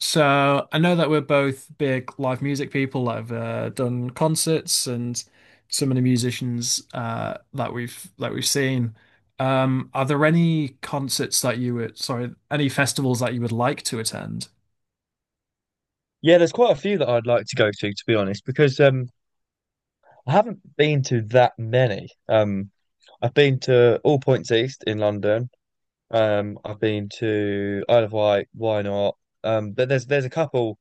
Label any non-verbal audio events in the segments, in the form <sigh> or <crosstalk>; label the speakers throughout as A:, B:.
A: So I know that we're both big live music people. I've done concerts and some of the musicians that we've seen. Are there any concerts that you would, sorry, any festivals that you would like to attend?
B: Yeah, there's quite a few that I'd like to go to be honest, because I haven't been to that many. I've been to All Points East in London. I've been to Isle of Wight, why not? But there's a couple.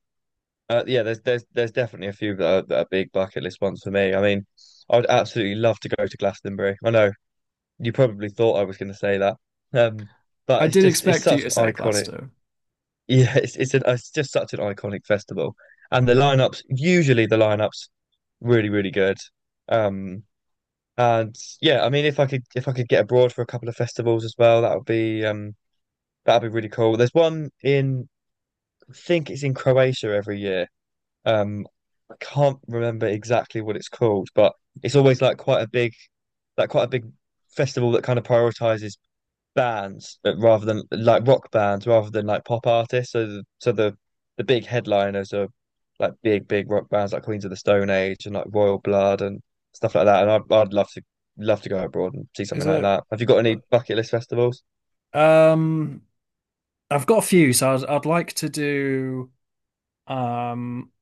B: Yeah, there's definitely a few that are big bucket list ones for me. I mean, I'd absolutely love to go to Glastonbury. I know you probably thought I was going to say that, um, but
A: I
B: it's
A: did
B: just it's
A: expect you
B: such
A: to
B: an
A: say
B: iconic. <laughs>
A: Glasto.
B: Yeah, it's just such an iconic festival, and the lineups usually the lineups really, really good. Um, and Yeah, I mean, if I could get abroad for a couple of festivals as well, that would be, that'd be really cool. There's one in I think it's in Croatia every year. Um, I can't remember exactly what it's called, but it's always like quite a big festival that kind of prioritizes bands rather than like rock bands rather than like pop artists. So the big headliners are like big big rock bands like Queens of the Stone Age and like Royal Blood and stuff like that. And I'd love to go abroad and see
A: Is
B: something like
A: it?
B: that. Have you got any
A: uh,
B: bucket list festivals?
A: Um, I've got a few, so I'd like to do. Um,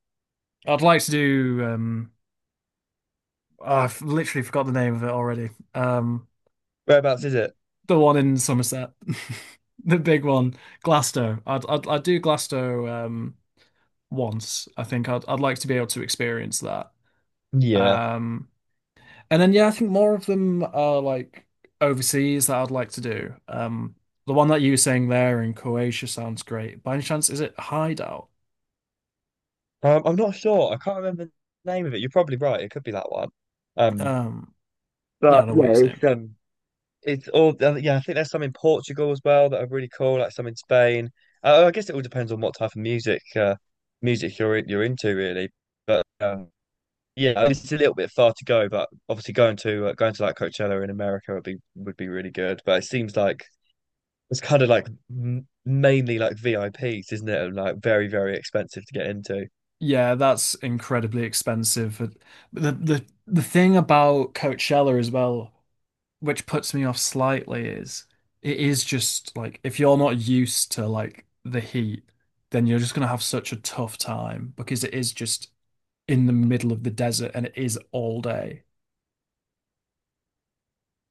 A: I'd like to do. Oh, I've literally forgot the name of it already. Um,
B: Whereabouts is it?
A: the one in Somerset, <laughs> the big one, Glasto. I'd do Glasto once. I think I'd like to be able to experience that.
B: Yeah,
A: Um, And then yeah, I think more of them are like overseas that I'd like to do. The one that you were saying there in Croatia sounds great. By any chance, is it Hideout?
B: I'm not sure. I can't remember the name of it. You're probably right. It could be that one. Um,
A: Um, no, I
B: but
A: don't know what
B: yeah,
A: you're saying.
B: it's. It's all, I yeah, I think there's some in Portugal as well that are really cool, like some in Spain. Oh, I guess it all depends on what type of music you're into, really. But yeah, I mean, it's a little bit far to go, but obviously going to like Coachella in America would be really good. But it seems like it's kind of like m mainly like VIPs, isn't it? And, like very, very expensive to get into.
A: Yeah, that's incredibly expensive. But the thing about Coachella as well, which puts me off slightly, is it is just like if you're not used to like the heat, then you're just gonna have such a tough time because it is just in the middle of the desert and it is all day.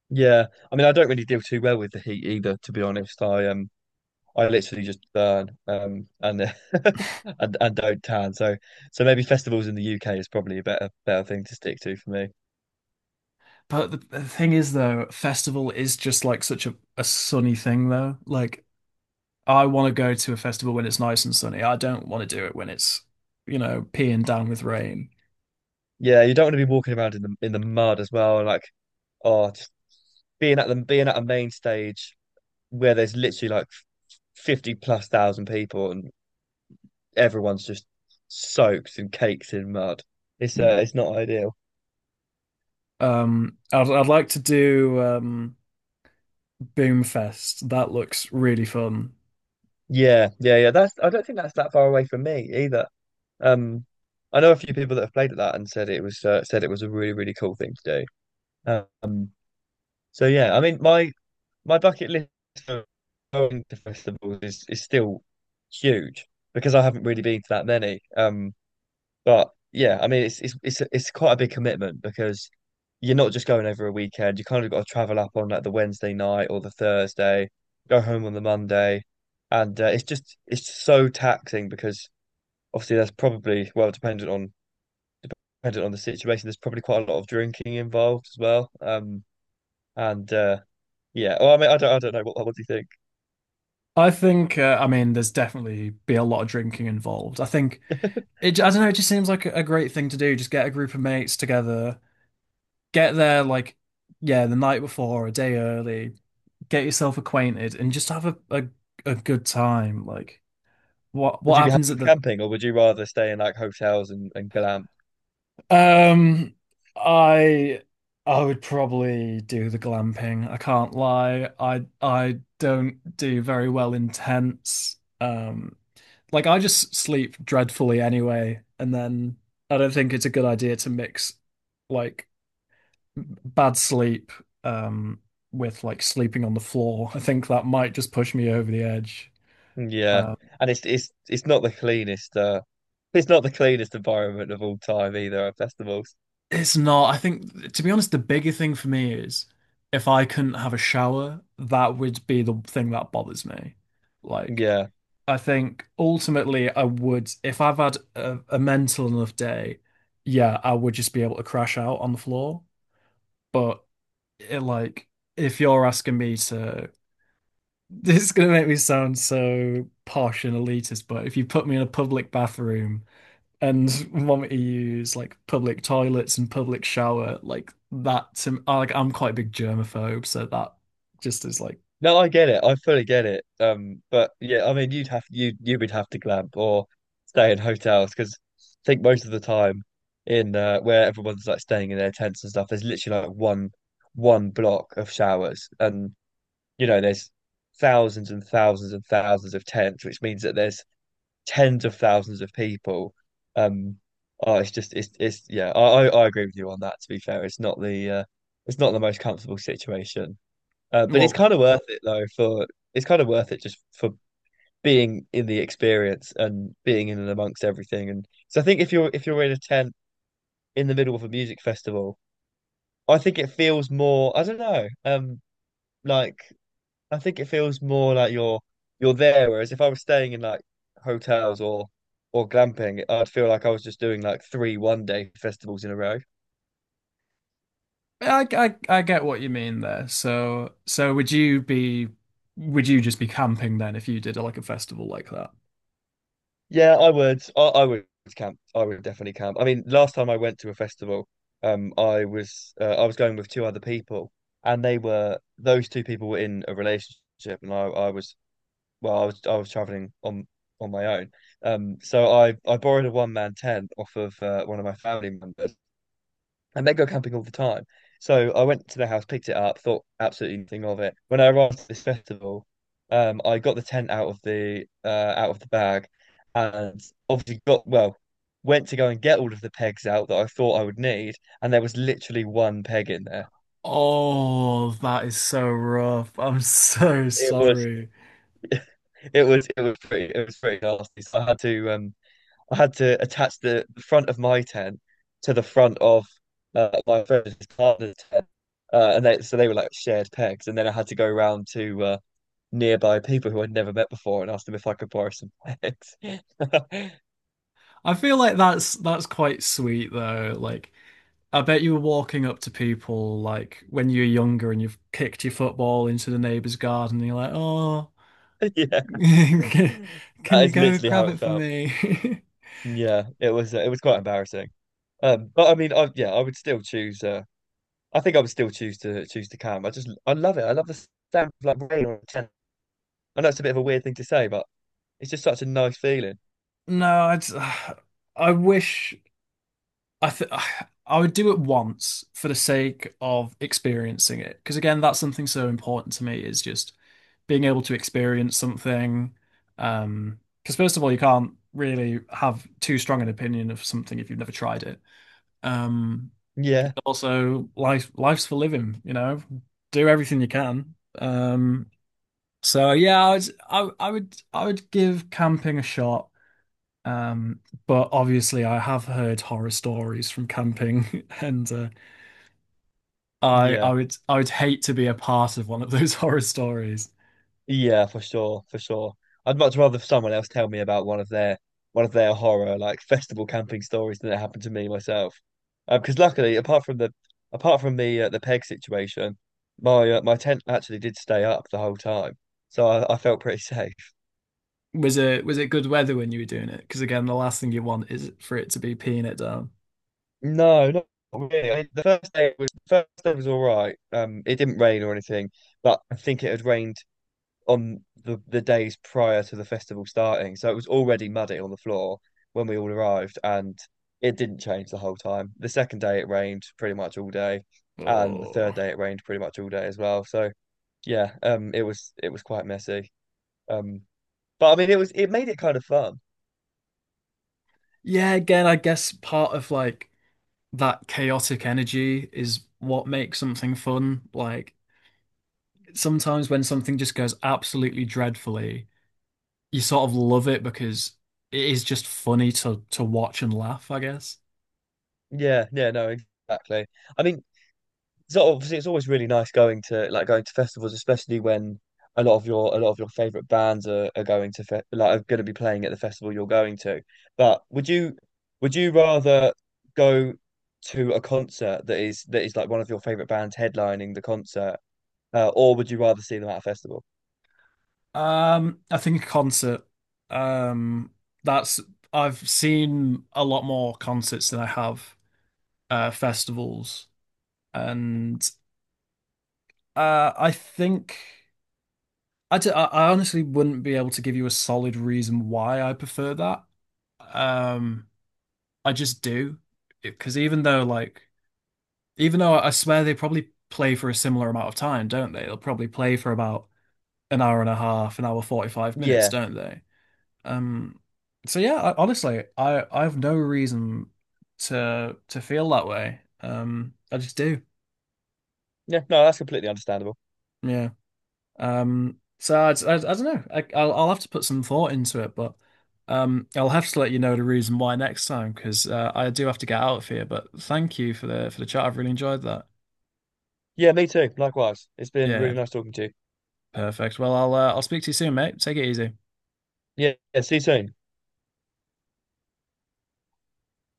B: Yeah, I mean, I don't really deal too well with the heat either, to be honest. I literally just burn and <laughs> and don't tan. So maybe festivals in the UK is probably a better thing to stick to for me.
A: But the thing is, though, festival is just like such a sunny thing, though. Like, I want to go to a festival when it's nice and sunny. I don't want to do it when it's, you know, peeing down with rain.
B: Yeah, you don't want to be walking around in the mud as well, and like oh, just being at a main stage where there's literally like 50 plus thousand people and everyone's just soaked and caked in mud. It's not ideal.
A: I'd like to do Boomfest. That looks really fun.
B: Yeah, yeah, yeah. That's I don't think that's that far away from me either. Um, I know a few people that have played at that and said it was a really really cool thing to do. Um, so yeah, I mean my bucket list for going to festivals is still huge because I haven't really been to that many. But yeah, I mean, it's quite a big commitment because you're not just going over a weekend. You kind of got to travel up on like the Wednesday night or the Thursday, go home on the Monday, and it's just so taxing because obviously there's probably well, dependent on the situation. There's probably quite a lot of drinking involved as well. And yeah, well, I mean, I don't know what do you think?
A: I think, I mean, there's definitely be a lot of drinking involved. I think it, I don't know, it just seems like a great thing to do. Just get a group of mates together, get there like yeah, the night before, or a day early. Get yourself acquainted and just have a good time. Like what
B: Would
A: what
B: you be
A: happens
B: happy
A: at
B: with
A: the
B: camping or would you rather stay in like hotels and glamp?
A: um I I would probably do the glamping. I can't lie. I don't do very well in tents. Like I just sleep dreadfully anyway, and then I don't think it's a good idea to mix like bad sleep um, with like sleeping on the floor. I think that might just push me over the edge.
B: Yeah,
A: Uh,
B: and it's not the cleanest. It's not the cleanest environment of all time either at festivals.
A: it's not. I think, to be honest, the bigger thing for me is if I couldn't have a shower, that would be the thing that bothers me. Like,
B: Yeah,
A: I think ultimately, I would, if I've had a mental enough day, yeah, I would just be able to crash out on the floor. But it, like, if you're asking me to this is going to make me sound so posh and elitist, but if you put me in a public bathroom and want me to use like public toilets and public shower, like that to like I'm quite a big germaphobe, so that just is like
B: no, I get it. I fully get it. But yeah, I mean, you you would have to glamp or stay in hotels because I think most of the time in where everyone's like staying in their tents and stuff, there's literally like one block of showers, and you know there's thousands and thousands and thousands of tents, which means that there's tens of thousands of people. Um, oh, it's just it's yeah. I agree with you on that. To be fair, it's not the most comfortable situation, but it's
A: well,
B: kind of worth it though. For It's kind of worth it just for being in the experience and being in and amongst everything. And so I think if you're in a tent in the middle of a music festival, I think it feels more. I don't know. Like I think it feels more like you're there, whereas if I was staying in like hotels or glamping, I'd feel like I was just doing like 3 one-day festivals in a row.
A: yeah, I get what you mean there. So so would you be would you just be camping then if you did like a festival like that?
B: Yeah, I would. I would camp. I would definitely camp. I mean, last time I went to a festival, I was going with two other people, and they were those two people were in a relationship, and I was well, I was traveling on my own. So I borrowed a one man tent off of one of my family members and they go camping all the time. So I went to their house, picked it up, thought absolutely nothing of it. When I arrived at this festival, I got the tent out of the bag, and obviously got well, went to go and get all of the pegs out that I thought I would need, and there was literally one peg in there.
A: Oh, that is so rough. I'm <laughs> so
B: It was,
A: sorry.
B: <laughs> it was pretty nasty. So I had to attach the front of my tent to the front of my friend's partner's tent, and they so they were like shared pegs, and then I had to go around to nearby people who I'd never met before and ask them if I could borrow some pegs. <laughs>
A: I feel like that's quite sweet though. Like I bet you were walking up to people like when you were younger and you've kicked your football into the neighbour's garden and you're like, oh,
B: Yeah,
A: <laughs> can
B: that
A: you
B: is
A: go
B: literally how
A: grab
B: it
A: it for
B: felt.
A: me? <laughs>
B: Yeah, it was quite embarrassing. But I mean, I yeah, I would still choose. I think I would still choose to choose to camp. I love it. I love the sound of like rain on a tent. I know it's a bit of a weird thing to say, but it's just such a nice feeling.
A: No, I'd, <sighs> I wish I th <sighs> I would do it once for the sake of experiencing it. Because again, that's something so important to me is just being able to experience something. Because first of all, you can't really have too strong an opinion of something if you've never tried it. Um,
B: Yeah,
A: Also life's for living, you know. Do everything you can. So yeah, I would give camping a shot. Um but obviously I have heard horror stories from camping <laughs> and I I
B: yeah,
A: would I would hate to be a part of one of those <laughs> horror stories.
B: yeah, for sure, for sure. I'd much rather someone else tell me about one of their horror like festival camping stories than it happened to me myself. Because luckily, apart from the peg situation, my tent actually did stay up the whole time, so I felt pretty <laughs> safe.
A: Was it good weather when you were doing it? Because again, the last thing you want is for it to be peeing it down.
B: No, not really. The first day was all right. It didn't rain or anything, but I think it had rained on the days prior to the festival starting. So it was already muddy on the floor when we all arrived, and it didn't change the whole time. The second day it rained pretty much all day, and the
A: Oh.
B: third day it rained pretty much all day as well. So yeah, it was quite messy. Um, but I mean, it was it made it kind of fun.
A: Yeah, again, I guess part of like that chaotic energy is what makes something fun. Like sometimes when something just goes absolutely dreadfully, you sort of love it because it is just funny to watch and laugh, I guess.
B: Yeah, yeah, no, exactly. I mean, so obviously, it's always really nice going to like going to festivals, especially when a lot of your favorite bands are going to fe like are going to be playing at the festival you're going to. But would you rather go to a concert that is like one of your favorite bands headlining the concert, or would you rather see them at a festival?
A: I think a concert. Um, that's I've seen a lot more concerts than I have festivals. And I think I, d- I honestly wouldn't be able to give you a solid reason why I prefer that. Um, I just do because even though I swear they probably play for a similar amount of time, don't they? They'll probably play for about an hour and a half, an hour 45 minutes,
B: Yeah,
A: don't they? Um so yeah, I, honestly, I have no reason to feel that way. I just do.
B: yeah, no, that's completely understandable.
A: Yeah. So I don't know. I'll have to put some thought into it, but I'll have to let you know the reason why next time because I do have to get out of here, but thank you for the chat. I've really enjoyed that.
B: Yeah, me too. Likewise, it's been really
A: Yeah,
B: nice talking to you.
A: perfect. Well, I'll speak to you soon, mate. Take it easy.
B: Yeah, yeah, see you soon.